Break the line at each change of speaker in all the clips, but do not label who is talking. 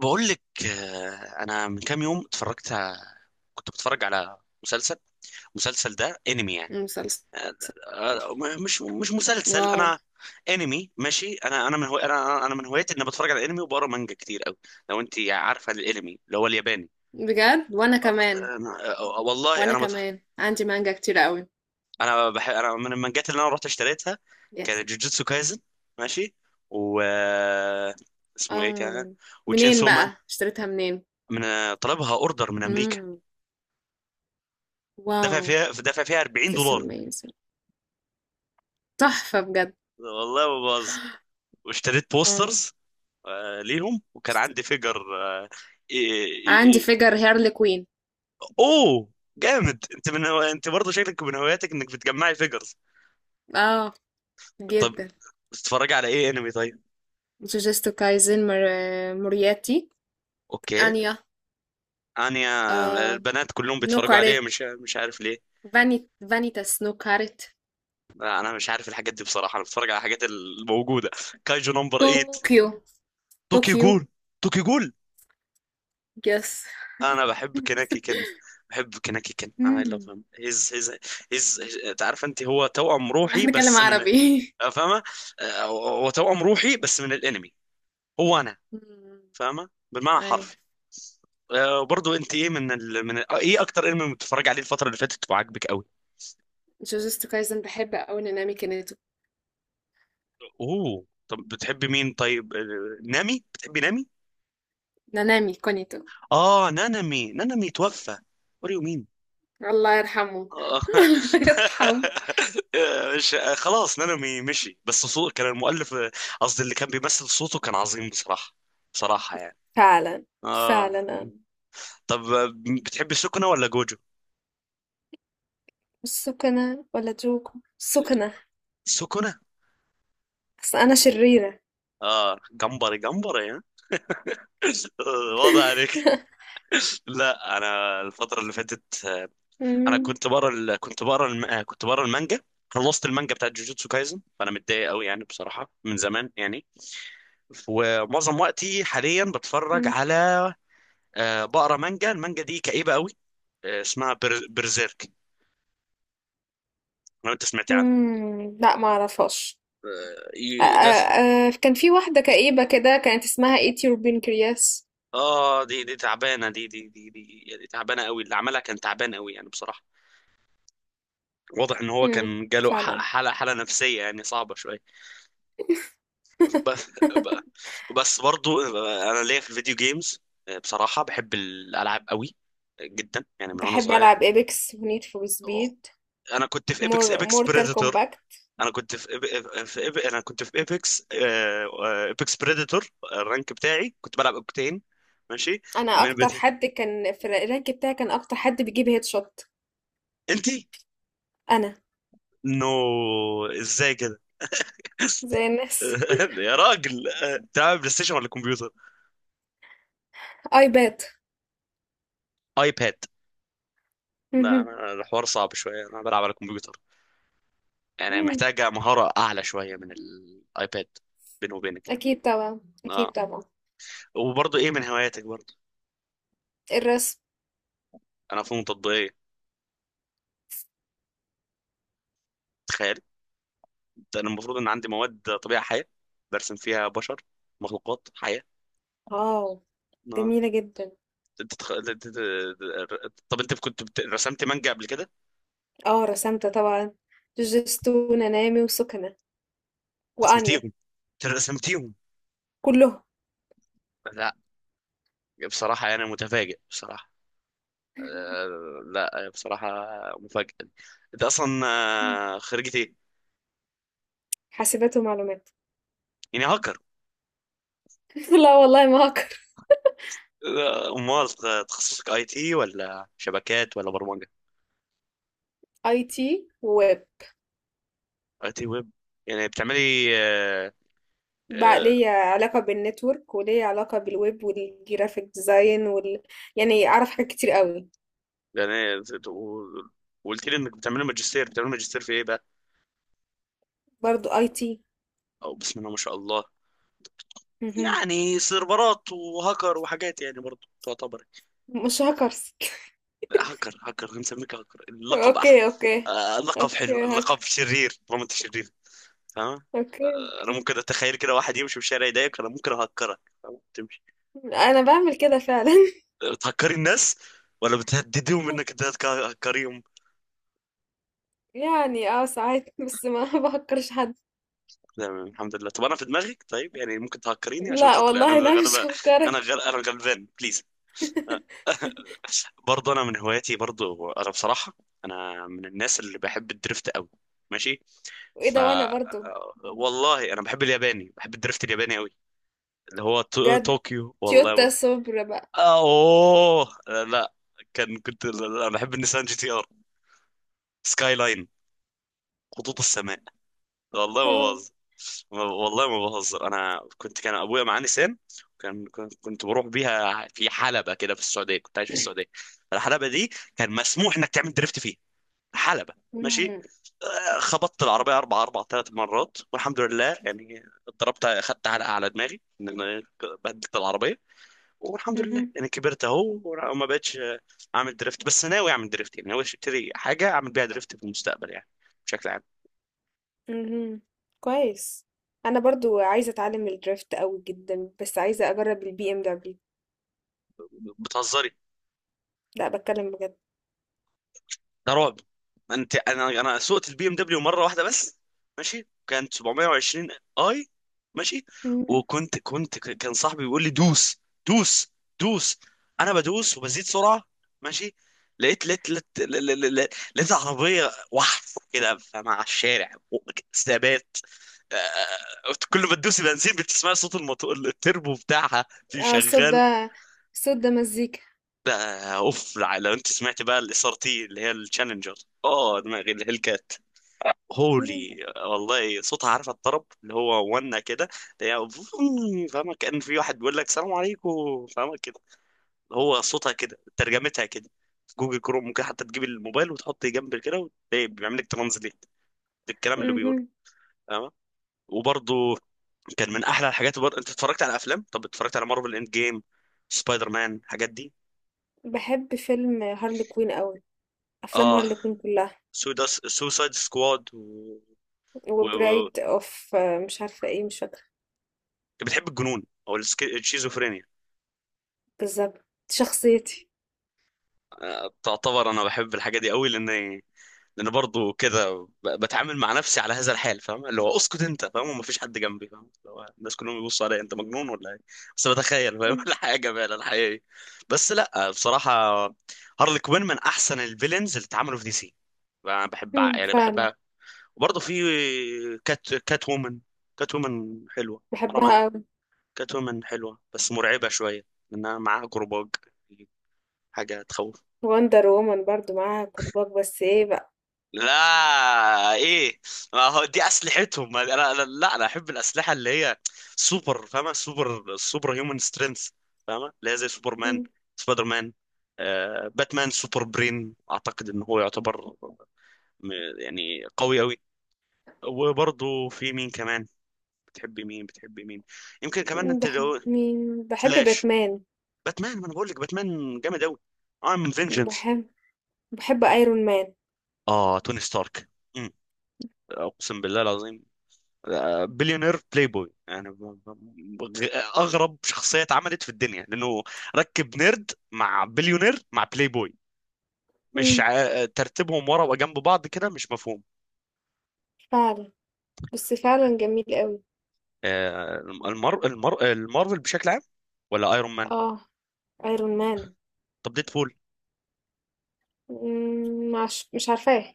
بقول لك انا من كام يوم اتفرجت كنت بتفرج على مسلسل. المسلسل ده انمي يعني.
مسلسل.
آه، مش مسلسل
واو.
انا، انمي. ماشي، انا انا من هو انا انا من هوايتي اني بتفرج على انمي وبقرا مانجا كتير قوي. لو انت عارفه الانمي اللي هو الياباني.
بجد؟ وانا كمان.
أنا والله
وانا كمان عندي مانجا كتير قوي.
انا من المانجات اللي انا رحت اشتريتها
يس.
كانت جوجوتسو كايزن. ماشي. و آه، اسمه ايه كان؟
اه.
وتشين
منين
سومان.
بقى اشتريتها منين؟
من طلبها اوردر من امريكا.
مم. واو.
دافع فيها 40
This
دولار
amazing. تحفة بجد.
والله ما بهزر. واشتريت
اه.
بوسترز آه ليهم، وكان عندي فيجر آه. إيه إيه
عندي
إيه.
فيجر هيرلي كوين.
اوه جامد. انت انت برضه شكلك من هواياتك انك بتجمعي فيجرز.
اه،
طب
جدا.
بتتفرجي على ايه انمي طيب؟
جوجوتسو كايزن، مورياتي،
اوكي.
انيا.
انا
آه.
البنات كلهم بيتفرجوا عليه،
نوكاريت.
مش عارف ليه.
فانيتاس نوكاريت.
لا، انا مش عارف الحاجات دي بصراحه. انا بتفرج على الحاجات الموجوده. كايجو نمبر 8.
طوكيو.
توكي
طوكيو.
جول. توكي جول.
يس.
انا بحب كناكي كان. بحب كناكي كان. اي لاف
مم.
هيم. هيز. عارف انت، هو توأم روحي
هنتكلم
بس من...
عربي.
فاهمه؟ هو توأم روحي بس من الانمي. هو انا.
مم.
فاهمه، بالمعنى
أي.
الحرفي. وبرضه انت، ايه من ال... من ال... آه، ايه اكتر انمي بتتفرج عليه الفتره اللي فاتت وعاجبك قوي؟
جوجوتسو كايزن، بحب أوي نانامي كونيتو.
اوه طب بتحبي مين طيب؟ نامي؟ بتحبي نامي؟
نانامي كونيتو.
اه نانامي. نانامي توفى. What do you mean?
الله يرحمه. الله يرحمه.
مش... خلاص نانومي مشي، بس صوت كان المؤلف... قصدي اللي كان بيمثل صوته كان عظيم بصراحة. بصراحة يعني.
فعلا. فعلا
اه.
أنا.
طب بتحبي سكنة ولا جوجو؟
السكنة ولا جوكو؟ السكنة.
سكنة.
أصل أنا شريرة.
اه جمبري جمبري، ها؟ واضح عليك. لا انا الفترة اللي فاتت... انا
مم.
كنت بقرا ال- كنت بقرا الم... آه، كنت بقرا المانجا. خلصت المانجا بتاعت جوجوتسو كايزن، فانا متضايق قوي يعني بصراحة من زمان يعني. ومعظم وقتي حاليا بتفرج
مم.
على... بقرا مانجا. المانجا دي كئيبه قوي. آه اسمها برزيرك. لو انت سمعت عنها.
لا، ما أعرفهاش.
لازم.
كان في واحدة كئيبة كده كانت اسمها ايتي روبين كرياس.
اه دي تعبانه. دي يعني تعبانه قوي. اللي عملها كان تعبان قوي يعني بصراحه. واضح ان هو
مم.
كان جاله
فعلا.
حاله نفسيه يعني صعبه شويه. بس. برضو انا ليا في الفيديو جيمز. بصراحه بحب الالعاب قوي جدا، يعني من وانا
بحب
صغير.
ألعب إيبكس ونيد فور سبيد.
انا كنت في ايبكس. ايبكس
مورتال.
بريديتور. انا كنت في ايبكس، ايبكس بريديتور. الرانك بتاعي كنت بلعب اوكتين. ماشي.
انا
المين
اكتر
بتاعي.
حد كان في الرانك بتاعي، كان اكتر حد بيجيب هيد شوت.
انتي؟
انا.
نو. ازاي كده؟
زي الناس.
يا راجل بتلعب بلاي ستيشن ولا كمبيوتر؟
ايباد.
ايباد؟ لا
مهم.
انا الحوار صعب شويه، انا بلعب على كمبيوتر. يعني
مم.
محتاجه مهاره اعلى شويه من الايباد. بيني وبينك يعني.
اكيد طبعا، اكيد
اه.
طبعا.
وبرضه ايه من هواياتك برضه؟
الرسم.
انا فنون تطبيقيه. تخيل. انا المفروض ان عندي مواد طبيعه حيه. برسم فيها بشر، مخلوقات حيه.
اه.
آه.
جميلة جدا.
أنت تخ- أنت- طب انت كنت بت- رسمت مانجا قبل كده؟
اه، رسمت طبعا. جوجيتسو، نانامي، وسكنة، وانيا.
رسمتيهم؟ رسمتيهم؟
كلهم.
لا. بصراحه انا متفاجئ بصراحه. لا بصراحه. مفاجئ. انت اصلا خريجة ايه؟
حاسبات ومعلومات.
يعني هاكر؟
لا والله، ما هكر.
امال؟ تخصصك اي تي ولا شبكات ولا برمجه؟
اي تي وويب.
اي تي ويب. يعني بتعملي آه،
بقى
آه،
ليا علاقة بالنتورك، وليا علاقة بالويب والجرافيك ديزاين وال... يعني اعرف حاجات كتير قوي.
يعني وقلت لي انك بتعمل ماجستير. بتعمل ماجستير في ايه بقى؟
برضو اي تي.
او بسم الله ما شاء الله.
اهم.
يعني سيرفرات وهاكر وحاجات يعني برضه تعتبر...
مش هاكرز.
هاكر. هنسميك هاكر، اللقب احلى.
أوكي، أوكي.
اللقب حلو،
أوكي
اللقب
هاك.
شرير طالما انت شرير. فاهم.
أوكي،
انا
أوكي.
ممكن اتخيل كده واحد يمشي في الشارع يضايقك، انا ممكن اهكرك، فاهم؟ تمشي.
أنا بعمل كده فعلا.
بتهكري الناس ولا بتهددهم انك تهكريهم؟
يعني اه، ساعات بس ما بهكرش حد.
تمام الحمد لله. طب انا في دماغك طيب، يعني ممكن تهكريني عشان
لا
خاطري؟ انا
والله، لا، مش هفكرك.
انا غلبان بليز. برضه انا من هواياتي، برضه انا بصراحه، انا من الناس اللي بحب الدريفت قوي. ماشي.
وايه
ف
ده؟ وانا برضو.
والله انا بحب الياباني، بحب الدريفت الياباني قوي. اللي هو
بجد.
طوكيو. والله
تويوتا
ما...
صبر بقى.
اوه لا. كنت... لا، انا بحب النيسان جي تي ار. سكاي لاين. خطوط السماء. والله ما بهزر. والله ما بهزر. انا كان ابويا معاه نيسان. كان كنت كنت بروح بيها في حلبة كده في السعودية. كنت عايش في السعودية. الحلبة دي كان مسموح انك تعمل دريفت فيها. حلبة. ماشي.
مم.
خبطت العربية أربع أربع ثلاث مرات والحمد لله يعني. ضربت، خدت علقة على دماغي، إن أنا بهدلت العربية. والحمد لله
مهم.
يعني كبرت أهو وما بقتش أعمل دريفت. بس ناوي أعمل دريفت، يعني ناوي أشتري حاجة أعمل بيها دريفت في المستقبل يعني، بشكل عام.
مهم. كويس. انا برضو عايزه اتعلم الدريفت قوي جدا، بس عايزه اجرب البي ام دبليو.
بتهزري؟
لا، بتكلم بجد.
ده رعب. انت... انا سوقت البي ام دبليو مره واحده بس. ماشي. كانت 720. اي ماشي.
مم.
كان صاحبي بيقول لي دوس. دوس. دوس. انا بدوس وبزيد سرعه. ماشي. لقيت عربيه واحده كده مع الشارع، ثبات. آه، كل ما تدوسي بنزين بتسمعي صوت الموتور التربو بتاعها في
اه، صوت
شغال.
ده، مزيكا.
ده اوف. لو انت سمعت بقى الاس ار تي اللي هي التشالنجر. اه دماغي الهيل كات.
إمم.
هولي، والله صوتها. عارفه الطرب اللي هو ونا كده، اللي هي فوم، فاهمه؟ كأن في واحد بيقول لك سلام عليكم، فاهمه كده. هو صوتها كده، ترجمتها كده. في جوجل كروم ممكن حتى تجيب الموبايل وتحط جنب كده وتلاقي بيعمل لك ترانزليت للكلام اللي بيقوله.
اهم.
فاهمه؟ وبرضه كان من احلى الحاجات. برضه انت اتفرجت على افلام؟ طب اتفرجت على مارفل اند جيم، سبايدر مان، الحاجات دي؟
باحب فيلم هارلي كوين أوي. أفلام
اه
هارلي كوين كلّها.
سوداس. سوسايد سكواد و... و...
وBride of، مش عارفة إيه، مش فاكرة.
بتحب الجنون او الشيزوفرينيا؟
بالضبط، دي شخصيتي.
تعتبر انا بحب الحاجه دي قوي، لان برضو كده بتعامل مع نفسي على هذا الحال. فاهم اللي هو اسكت انت، فاهم؟ ومفيش حد جنبي، فاهم اللي هو الناس كلهم بيبصوا عليا، انت مجنون ولا ايه؟ بس بتخيل، فاهم؟
إمم.
الحياه جميله، الحياه إيه. بس لا بصراحه، هارلي كوين من احسن الفيلنز اللي اتعملوا في دي سي. انا بحب،
إمم،
يعني
فعلًا.
بحبها. وبرضه في كات وومن. كات وومن حلوه. حرام عليك.
باحبها أوي.
كات وومن حلوه بس مرعبه شويه، لانها معاها جروباج، حاجه تخوف.
Wonder Woman برضه معاها كُبّاك، بس إيه بقى؟
لا ايه، ما هو دي اسلحتهم. لا انا احب الاسلحه اللي هي سوبر، فاهمه؟ سوبر هيومن سترينث. فاهمه اللي هي زي سوبر مان،
إمم.
سبايدر مان، آه باتمان. سوبر برين، اعتقد ان هو يعتبر... م- يعني قوي قوي. وبرضه في مين كمان. بتحبي مين؟ يمكن كمان
إمم،
انت
باحب
لو...
مين؟ باحب
فلاش؟
Batman.
باتمان؟ ما انا بقول لك باتمان جامد قوي. ام فينجنس.
وباحب، باحب Iron Man.
اه توني ستارك. أمم، اقسم بالله العظيم. بليونير بلاي بوي يعني اغرب شخصيه اتعملت في الدنيا، لانه ركب نيرد مع بليونير مع بلاي بوي. مش
إمم،
ترتيبهم ورا وجنب بعض كده مش مفهوم.
فعلًا، بس فعلًا جميل أوي.
آه، المارفل بشكل عام، ولا ايرون مان؟
آه. Iron Man.
طب ديدبول؟
إمم، مش عارفاه.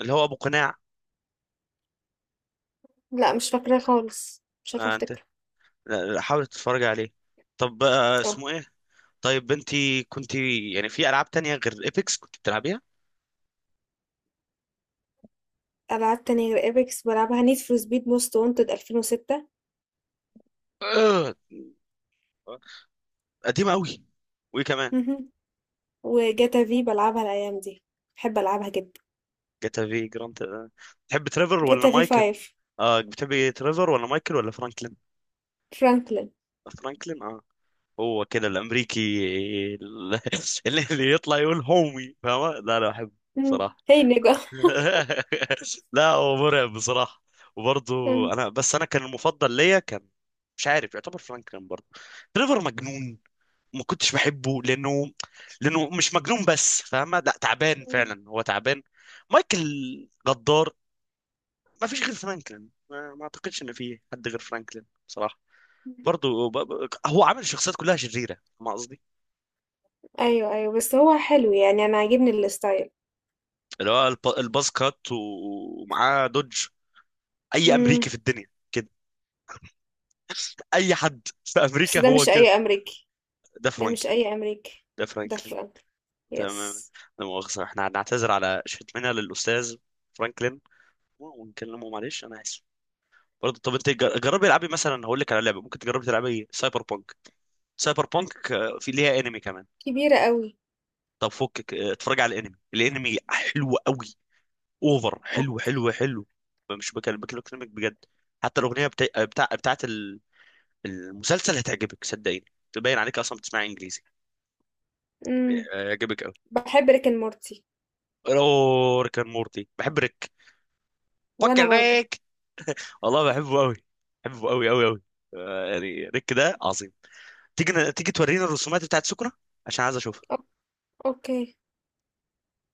اللي هو ابو قناع.
لأ، مش فاكراه خالص، مش عارفة
انت...
أفتكره.
لا، حاول تتفرج عليه. طب
آه.
اسمه ايه؟ طيب انت كنت يعني في العاب تانية غير ايبكس كنت بتلعبيها؟
ألعاب تانية غير ايبكس بلعبها، نيد فور سبيد موست وانتد 2006،
آه، قديمه قوي. وايه كمان؟
وجاتا في بلعبها الأيام دي، بحب ألعبها جدا.
جاتا في جراند آه. تحب تريفر ولا
جاتا في
مايكل؟
5.
اه بتحب تريفر ولا مايكل ولا فرانكلين؟
فرانكلين.
فرانكلين اه. هو كده الامريكي ال- اللي يطلع يقول هومي، فاهمة؟ لا لا احب
مم.
بصراحة.
هي نجا.
لا هو مرعب بصراحة. وبرضه
مم.
انا بس، انا كان المفضل ليا كان... مش عارف، يعتبر فرانكلين برضه. تريفر مجنون، ما كنتش بحبه، لانه مش مجنون بس، فاهمة؟ لا تعبان، فعلا هو تعبان. مايكل غدار. ما فيش غير فرانكلين. ما اعتقدش ان في حد غير فرانكلين بصراحه. برضه هو عامل الشخصيات كلها شريره، ما قصدي
أيوه، أيوه، بس هو حلو يعني، أنا عاجبني الستايل.
اللي هو الباز كات، و... ومعاه دوج. اي امريكي
مم.
في الدنيا كده، اي حد في
بس
امريكا
ده
هو
مش
كده.
أي أمريكي.
ده
ده مش
فرانكلين.
أي أمريكي.
ده
ده
فرانكلين.
فرانكلين.
تمام.
يس.
لا مؤاخذه، احنا هنعتذر على شتمنا للاستاذ فرانكلين، ونكلمه معلش انا اسف. برضه طب انت جربي العبي مثلا، هقول لك على لعبه ممكن تجربي تلعبي سايبر بونك. سايبر بونك في ليها انمي كمان.
كبيرة قوي.
طب فكك اه، اتفرج على الانمي. الانمي حلو قوي. اوفر
أوك.
حلو حلو حلو. مش بكلمك بجد. حتى الاغنيه بتاعت المسلسل هتعجبك، صدقيني. تبين عليك اصلا بتسمع انجليزي. اه،
مم.
هيعجبك قوي.
بحب ريك مورتي.
اوه ريك اند مورتي. بحب ريك.
وأنا
فكر
برضو.
ريك. والله بحبه قوي. بحبه قوي قوي قوي. اه، يعني ريك ده عظيم. تيجي تورينا الرسومات بتاعت سكرة، عشان عايز اشوفها.
أوك. أوكي.